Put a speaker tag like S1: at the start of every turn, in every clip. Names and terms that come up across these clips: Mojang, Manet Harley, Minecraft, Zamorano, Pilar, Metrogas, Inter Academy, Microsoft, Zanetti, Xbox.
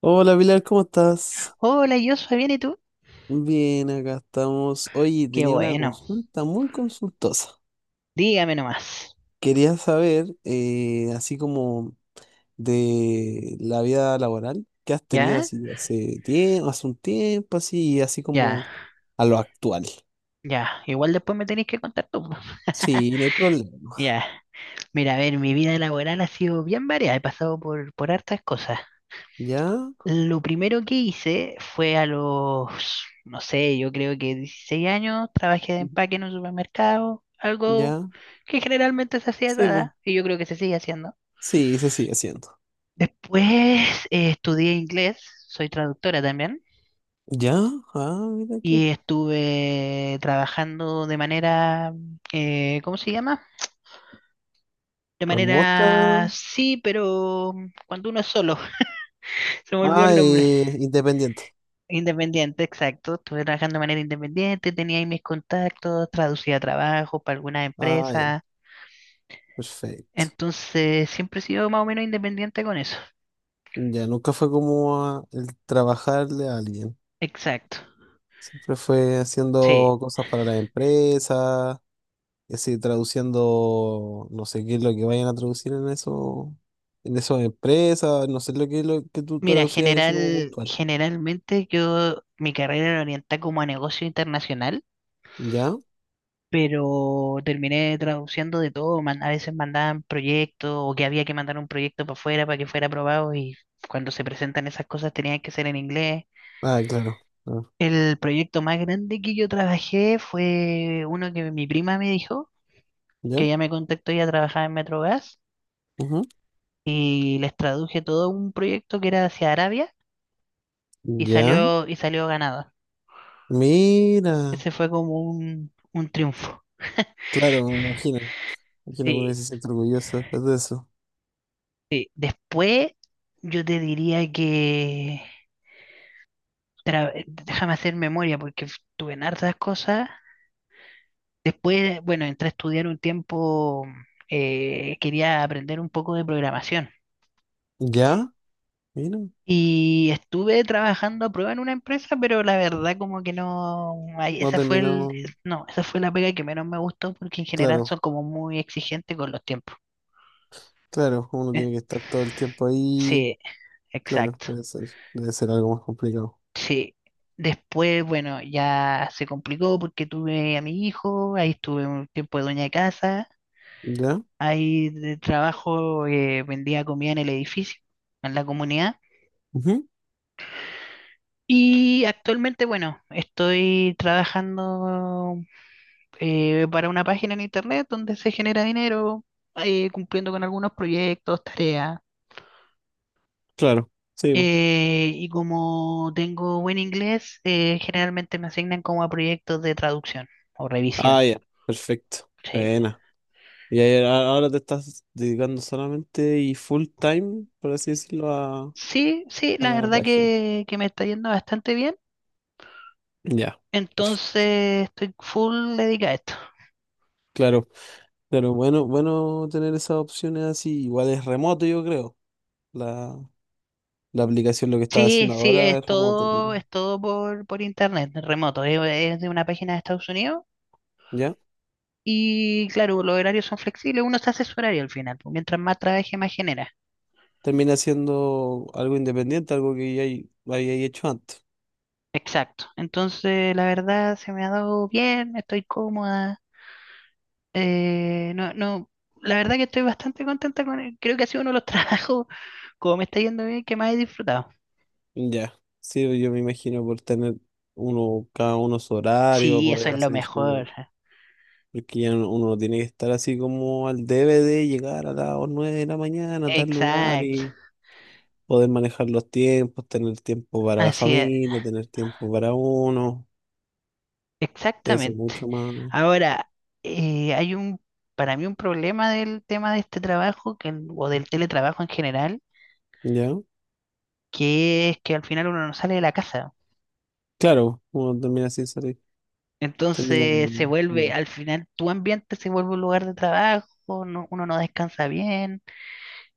S1: Hola Pilar, ¿cómo estás?
S2: Hola, yo soy bien, ¿y tú?
S1: Bien, acá estamos. Oye,
S2: Qué
S1: tenía una
S2: bueno,
S1: consulta muy consultosa.
S2: dígame nomás.
S1: Quería saber, así como de la vida laboral que has tenido
S2: ¿Ya?
S1: así hace tiempo, hace un tiempo, así, y así
S2: Ya,
S1: como a lo actual.
S2: ya. Igual después me tenéis que contar tú, po.
S1: Sí, no hay problema.
S2: Ya. Mira, a ver, mi vida laboral ha sido bien variada, he pasado por hartas cosas.
S1: ¿Ya?
S2: Lo primero que hice fue a los, no sé, yo creo que 16 años, trabajé de
S1: Ujú.
S2: empaque en un supermercado, algo
S1: ¿Ya?
S2: que generalmente se hacía a esa
S1: Sí,
S2: edad, y yo creo que se sigue haciendo.
S1: sí, se sigue haciendo.
S2: Después estudié inglés, soy traductora también.
S1: ¿Ya? Ah, mira tú.
S2: Y estuve trabajando de manera, ¿cómo se llama? De
S1: Remota.
S2: manera, sí, pero cuando uno es solo, se me olvidó el
S1: Ah,
S2: nombre.
S1: independiente.
S2: Independiente, exacto. Estuve trabajando de manera independiente, tenía ahí mis contactos, traducía trabajo para algunas
S1: Ah, ya,
S2: empresas.
S1: perfecto.
S2: Entonces, siempre he sido más o menos independiente con eso.
S1: Ya nunca fue como el trabajarle a alguien.
S2: Exacto.
S1: Siempre fue
S2: Sí.
S1: haciendo cosas para las empresas, y así traduciendo, no sé qué es lo que vayan a traducir en eso, en esas empresas, no sé lo que es lo que tú
S2: Mira,
S1: traducías y así como puntual.
S2: generalmente yo, mi carrera la orienté como a negocio internacional.
S1: ¿Ya?
S2: Pero terminé traduciendo de todo, a veces mandaban proyectos o que había que mandar un proyecto para afuera para que fuera aprobado y cuando se presentan esas cosas tenían que ser en inglés.
S1: Ah, claro. Ah,
S2: El proyecto más grande que yo trabajé fue uno que mi prima me dijo, que
S1: ¿ya?
S2: ella me contactó, ella trabajaba en Metrogas
S1: Ujú.
S2: y les traduje todo un proyecto que era hacia Arabia
S1: ¿Ya?
S2: y salió ganador.
S1: Mira.
S2: Ese fue como un triunfo.
S1: Claro, me imagino. Me Imagino que uno
S2: Sí,
S1: se siente orgulloso después de eso.
S2: sí. Después yo te diría que… déjame hacer memoria porque tuve en hartas cosas. Después, bueno, entré a estudiar un tiempo, quería aprender un poco de programación.
S1: ¿Ya? Mira.
S2: Y estuve trabajando a prueba en una empresa, pero la verdad como que no, ahí
S1: No
S2: esa fue el,
S1: terminó.
S2: no, esa fue la pega que menos me gustó porque en general
S1: Claro.
S2: son como muy exigentes con los tiempos.
S1: Claro, uno tiene
S2: Eh,
S1: que estar todo el tiempo ahí.
S2: Sí,
S1: Claro,
S2: exacto.
S1: debe ser algo más complicado.
S2: Sí. Después, bueno, ya se complicó porque tuve a mi hijo, ahí estuve un tiempo de dueña de casa.
S1: ¿Ya?
S2: Ahí de trabajo, vendía comida en el edificio, en la comunidad.
S1: Ujú.
S2: Y actualmente, bueno, estoy trabajando para una página en internet donde se genera dinero, cumpliendo con algunos proyectos, tareas.
S1: Claro, sí. bo.
S2: Y como tengo buen inglés, generalmente me asignan como a proyectos de traducción o revisión.
S1: Ah, ya, perfecto.
S2: Sí,
S1: Buena. Y ahí ahora te estás dedicando solamente y full time, por así decirlo,
S2: sí,
S1: a
S2: la
S1: la
S2: verdad
S1: página.
S2: que me está yendo bastante bien.
S1: Ya, perfecto.
S2: Entonces estoy full dedicado a esto.
S1: Claro, claro, bueno, bueno tener esas opciones así. Igual es remoto, yo creo. La, la aplicación, lo que estás
S2: Sí,
S1: haciendo
S2: sí,
S1: ahora es remoto.
S2: es todo por internet, remoto. Es de una página de Estados Unidos
S1: ¿Ya?
S2: y claro, los horarios son flexibles, uno se hace su horario al final, pues, mientras más trabaje, más genera.
S1: Termina siendo algo independiente, algo que ya había hecho antes.
S2: Exacto. Entonces, la verdad se me ha dado bien, estoy cómoda. No, no, La verdad que estoy bastante contenta con él. Creo que ha sido uno de los trabajos, como me está yendo bien, que más he disfrutado.
S1: Ya, sí, yo me imagino por tener uno, cada uno su horario,
S2: Sí, eso
S1: poder
S2: es lo
S1: hacer
S2: mejor.
S1: su... Porque ya uno no tiene que estar así como al debe de llegar a las 9 de la mañana a tal lugar
S2: Exacto.
S1: y poder manejar los tiempos, tener tiempo para la
S2: Así es.
S1: familia, tener tiempo para uno, debe ser
S2: Exactamente.
S1: mucho más,
S2: Ahora, eh, hay un, para mí un problema del tema de este trabajo que, o del teletrabajo en general,
S1: ¿ya?
S2: que es que al final uno no sale de la casa.
S1: Claro, uno termina así, termina...
S2: Entonces se vuelve, al final tu ambiente se vuelve un lugar de trabajo, uno no descansa bien,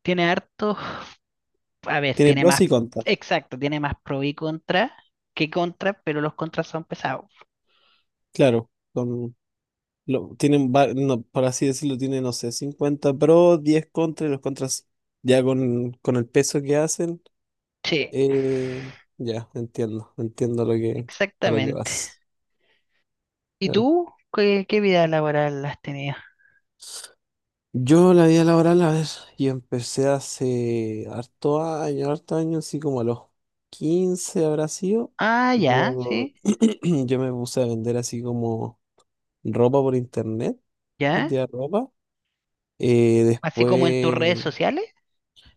S2: tiene harto, a ver,
S1: Tiene pros y contras,
S2: tiene más pro y contra que contra, pero los contras son pesados.
S1: claro. Con, Lo, tienen, va- No, por así decirlo, tiene, no sé, 50 pros, 10 contras, y los contras ya con el peso que hacen,
S2: Sí,
S1: eh, ya, entiendo, entiendo lo que, a lo que
S2: exactamente.
S1: vas.
S2: ¿Y
S1: Claro.
S2: tú qué vida laboral has tenido?
S1: Yo la vida laboral, a ver, yo empecé hace harto año, así como a los 15 habrá sido.
S2: Ah, ya,
S1: Yo,
S2: sí.
S1: yo me puse a vender así como ropa por internet,
S2: ¿Ya?
S1: vendía ropa. Eh,
S2: Así como en tus redes
S1: después
S2: sociales.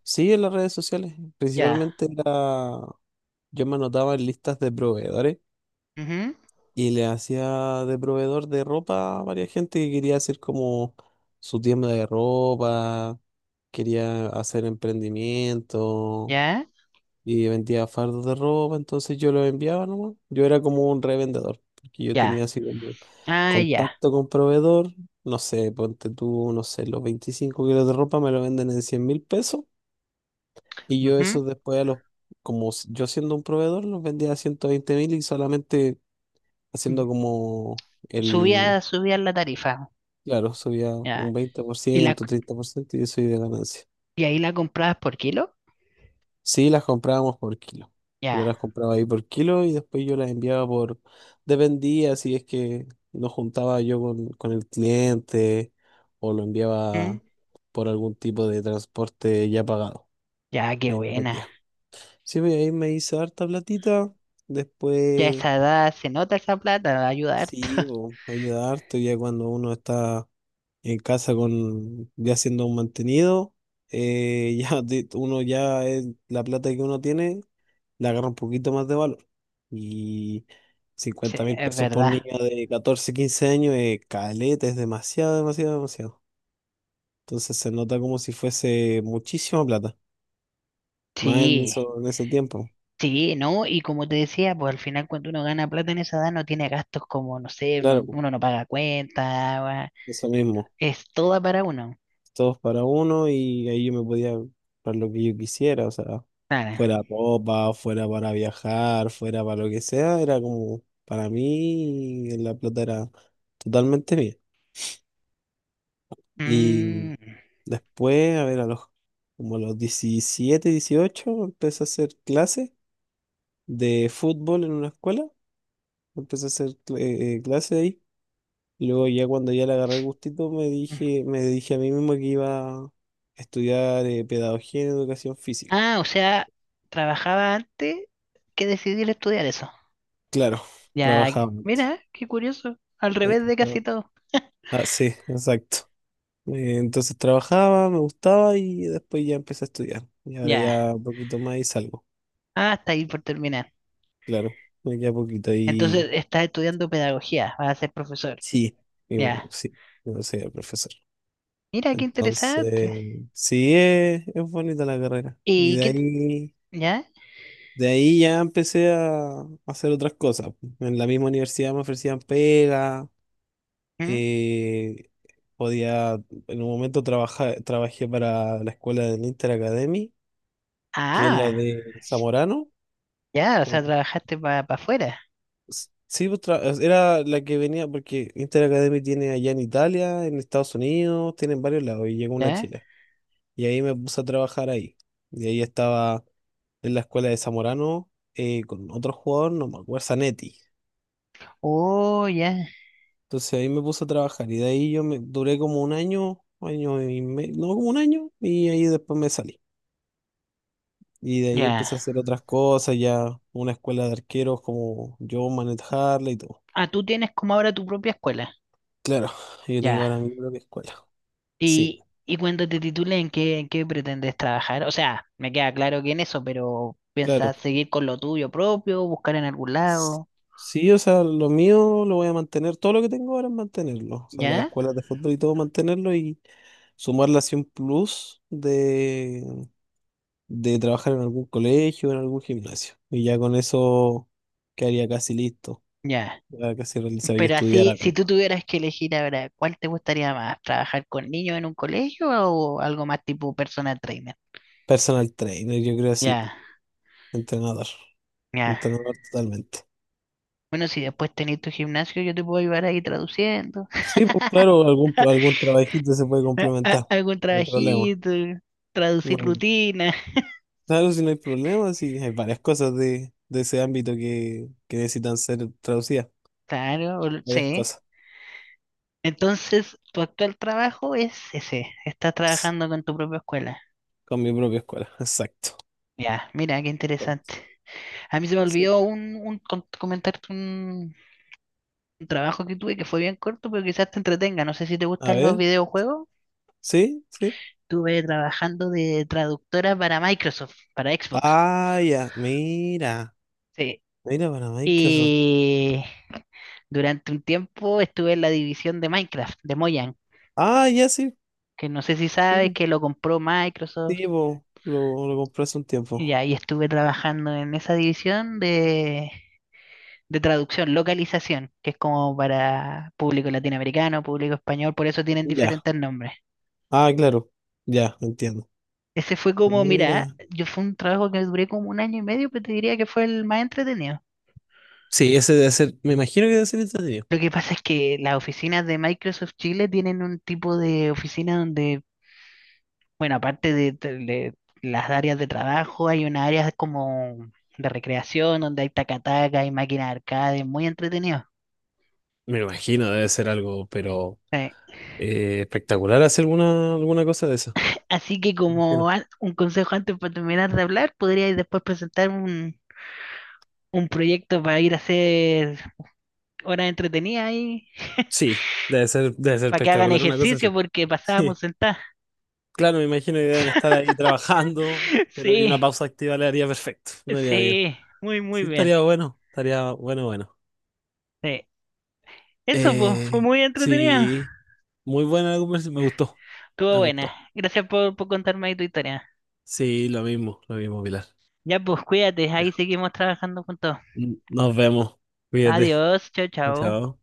S1: Sí, en las redes sociales.
S2: Ya,
S1: Principalmente era, yo me anotaba en listas de proveedores
S2: ujú.
S1: y le hacía de proveedor de ropa a varias gente que quería hacer como su tienda de ropa, quería hacer emprendimiento
S2: Ya.
S1: y vendía fardos de ropa, entonces yo los enviaba nomás. Yo era como un revendedor, porque yo
S2: Ya.
S1: tenía así como
S2: Ah, ya,
S1: contacto con proveedor, no sé, ponte tú, no sé, los 25 kilos de ropa me lo venden en $100.000 y yo
S2: ujú.
S1: eso después a los, como yo siendo un proveedor, los vendía a 120.000 y solamente haciendo como el,
S2: Subía, subía la tarifa.
S1: claro, subía un
S2: Ya.
S1: veinte por
S2: ¿Y la,
S1: ciento 30% y eso iba de ganancia.
S2: ¿y ahí la comprabas por kilo?
S1: Sí, las comprábamos por kilo. Yo las
S2: Ya,
S1: compraba ahí por kilo y después yo las enviaba por, dependía si es que nos juntaba yo con el cliente o lo
S2: ujú.
S1: enviaba por algún tipo de transporte ya pagado.
S2: Ya, qué
S1: Ahí
S2: buena.
S1: dependía. Sí, pues, ahí me hice harta platita.
S2: Ya a
S1: Después,
S2: esa edad se nota esa plata, va a ayudar.
S1: sí, po, ayuda harto ya cuando uno está en casa con ya siendo un mantenido, ya uno ya es, la plata que uno tiene le agarra un poquito más de valor. Y
S2: Sí,
S1: cincuenta mil
S2: es
S1: pesos por
S2: verdad.
S1: niño de 14 15 años es caleta, es demasiado, demasiado, demasiado. Entonces se nota como si fuese muchísima plata, más en
S2: Sí.
S1: eso, en ese tiempo.
S2: Sí, ¿no? Y como te decía, pues al final cuando uno gana plata en esa edad no tiene gastos como, no sé,
S1: Claro, po,
S2: uno no paga cuenta,
S1: eso mismo.
S2: es toda para uno.
S1: Todos para uno y ahí yo me podía comprar lo que yo quisiera, o sea,
S2: Claro.
S1: fuera ropa, fuera para viajar, fuera para lo que sea, era como para mí la plata era totalmente mía. Y
S2: Mm.
S1: después, a ver, a los como a los 17 18 empecé a hacer clases de fútbol en una escuela, empecé a hacer clases ahí. Luego ya cuando ya le agarré el gustito me dije a mí mismo que iba a estudiar pedagogía en educación física.
S2: Ah, o sea, trabajaba antes que decidir estudiar eso.
S1: Claro,
S2: Ya,
S1: trabajaba antes,
S2: mira, qué curioso. Al
S1: sí,
S2: revés de casi
S1: no,
S2: todo.
S1: ah, sí, exacto. Entonces trabajaba, me gustaba y después ya empecé a estudiar. Y ahora
S2: Ya.
S1: ya un poquito más y salgo.
S2: Ah, hasta ahí por terminar.
S1: Claro, me queda poquito
S2: Entonces,
S1: y
S2: estás estudiando pedagogía, vas a ser profesor.
S1: sí, y bueno,
S2: Ya.
S1: sí, yo soy el profesor.
S2: Mira, qué interesante.
S1: Entonces, sí, es bonita la carrera. Y
S2: ¿Y qué? ¿Ya?
S1: de ahí ya empecé a hacer otras cosas. En la misma universidad me ofrecían pega.
S2: ¿Mm?
S1: Eh, Podía, en un momento trabajé para la escuela del Inter Academy, que es la
S2: Ah,
S1: de Zamorano.
S2: ya, o sea,
S1: o-
S2: trabajaste para afuera.
S1: Sí, pues, era la que venía, porque Inter Academy tiene allá en Italia, en Estados Unidos, tiene en varios lados, y llegó una a
S2: ¿Ya?
S1: Chile. Y ahí me puse a trabajar ahí. Y ahí estaba en la escuela de Zamorano con otro jugador, no me acuerdo, Zanetti.
S2: Oh, ya.
S1: Entonces ahí me puse a trabajar y de ahí yo me duré como un año, año y medio, no, como un año, y ahí después me salí. Y de ahí
S2: Ya.
S1: empecé a hacer otras cosas, ya una escuela de arqueros como yo, Manet Harley y todo.
S2: Ah, tú tienes como ahora tu propia escuela.
S1: Claro, yo tengo
S2: Ya.
S1: ahora mi propia escuela. Sí,
S2: Y cuando te titulen, en qué pretendes trabajar? O sea, me queda claro que en eso, pero
S1: claro.
S2: ¿piensas seguir con lo tuyo propio, buscar en algún
S1: S-
S2: lado?
S1: Sí, o sea, lo mío lo voy a mantener, todo lo que tengo ahora es mantenerlo. O sea, las
S2: ¿Ya?
S1: escuelas de fútbol y todo, mantenerlo y sumarle así un plus de trabajar en algún colegio, en algún gimnasio. Y ya con eso quedaría casi listo,
S2: Ya.
S1: ya casi realizado y
S2: Pero
S1: estudiar
S2: así, si tú
S1: algo.
S2: tuvieras que elegir ahora, ¿cuál te gustaría más? ¿Trabajar con niños en un colegio o algo más tipo personal trainer?
S1: Personal trainer, yo creo así,
S2: Ya,
S1: entrenador.
S2: ya.
S1: Entrenador totalmente.
S2: Bueno, si después tenés tu gimnasio, yo te puedo ayudar ahí traduciendo.
S1: Sí, pues claro, algún, algún trabajito se puede complementar.
S2: Algún
S1: No hay problema.
S2: trabajito, traducir
S1: No,
S2: rutina.
S1: claro, si no hay problema, sí, hay varias cosas de ese ámbito que necesitan ser traducidas.
S2: Claro,
S1: Varias
S2: sí.
S1: cosas.
S2: Entonces, tu actual trabajo es ese. Estás
S1: Ps,
S2: trabajando con tu propia escuela.
S1: Con mi propia escuela. Exacto.
S2: Ya, mira, qué
S1: Exacto.
S2: interesante. A mí se me
S1: Sí.
S2: olvidó comentarte un trabajo que tuve que fue bien corto, pero quizás te entretenga. No sé si te
S1: A
S2: gustan los
S1: ver.
S2: videojuegos.
S1: Sí, sí.
S2: Estuve trabajando de traductora para Microsoft, para Xbox.
S1: Ah, ya. Mira.
S2: Sí.
S1: Mira para Microsoft.
S2: Y durante un tiempo estuve en la división de Minecraft, de Mojang,
S1: Ah, ya sí.
S2: que no sé si sabes
S1: Sí,
S2: que lo compró Microsoft.
S1: sí, po. Lo compré hace un
S2: Y
S1: tiempo.
S2: ahí estuve trabajando en esa división de traducción, localización, que es como para público latinoamericano, público español, por eso tienen
S1: Ya.
S2: diferentes nombres.
S1: Ah, claro. Ya, entiendo.
S2: Ese fue como, mira,
S1: Mira.
S2: yo fue un trabajo que duré como 1 año y medio, pero te diría que fue el más entretenido.
S1: Sí, ese debe ser, me imagino que debe ser entretenido.
S2: Lo que pasa es que las oficinas de Microsoft Chile tienen un tipo de oficina donde, bueno, aparte de las áreas de trabajo, hay una área como de recreación, donde hay tacataca, hay máquinas de arcade, muy entretenido.
S1: Me imagino, debe ser algo, pero
S2: Sí.
S1: espectacular hacer alguna, alguna cosa de eso.
S2: Así que como
S1: Imagino.
S2: un consejo antes para terminar de hablar, podríais después presentar un proyecto para ir a hacer horas entretenidas ahí,
S1: Sí, debe ser
S2: para que hagan
S1: espectacular una cosa así.
S2: ejercicio porque pasábamos
S1: Sí.
S2: sentadas.
S1: Claro, me imagino que deben estar ahí trabajando, pero y una
S2: Sí,
S1: pausa activa le haría perfecto, me haría bien.
S2: sí, muy, muy
S1: Sí,
S2: bien.
S1: estaría bueno, bueno.
S2: Sí. Eso pues, fue
S1: Eh,
S2: muy entretenido.
S1: sí, muy buena la conversación, me gustó,
S2: Estuvo
S1: me
S2: buena.
S1: gustó.
S2: Gracias por contarme ahí tu historia.
S1: Sí, lo mismo, Pilar.
S2: Ya pues, cuídate,
S1: Ya.
S2: ahí seguimos trabajando juntos.
S1: Nos vemos, cuídate,
S2: Adiós, chao, chao.
S1: chao.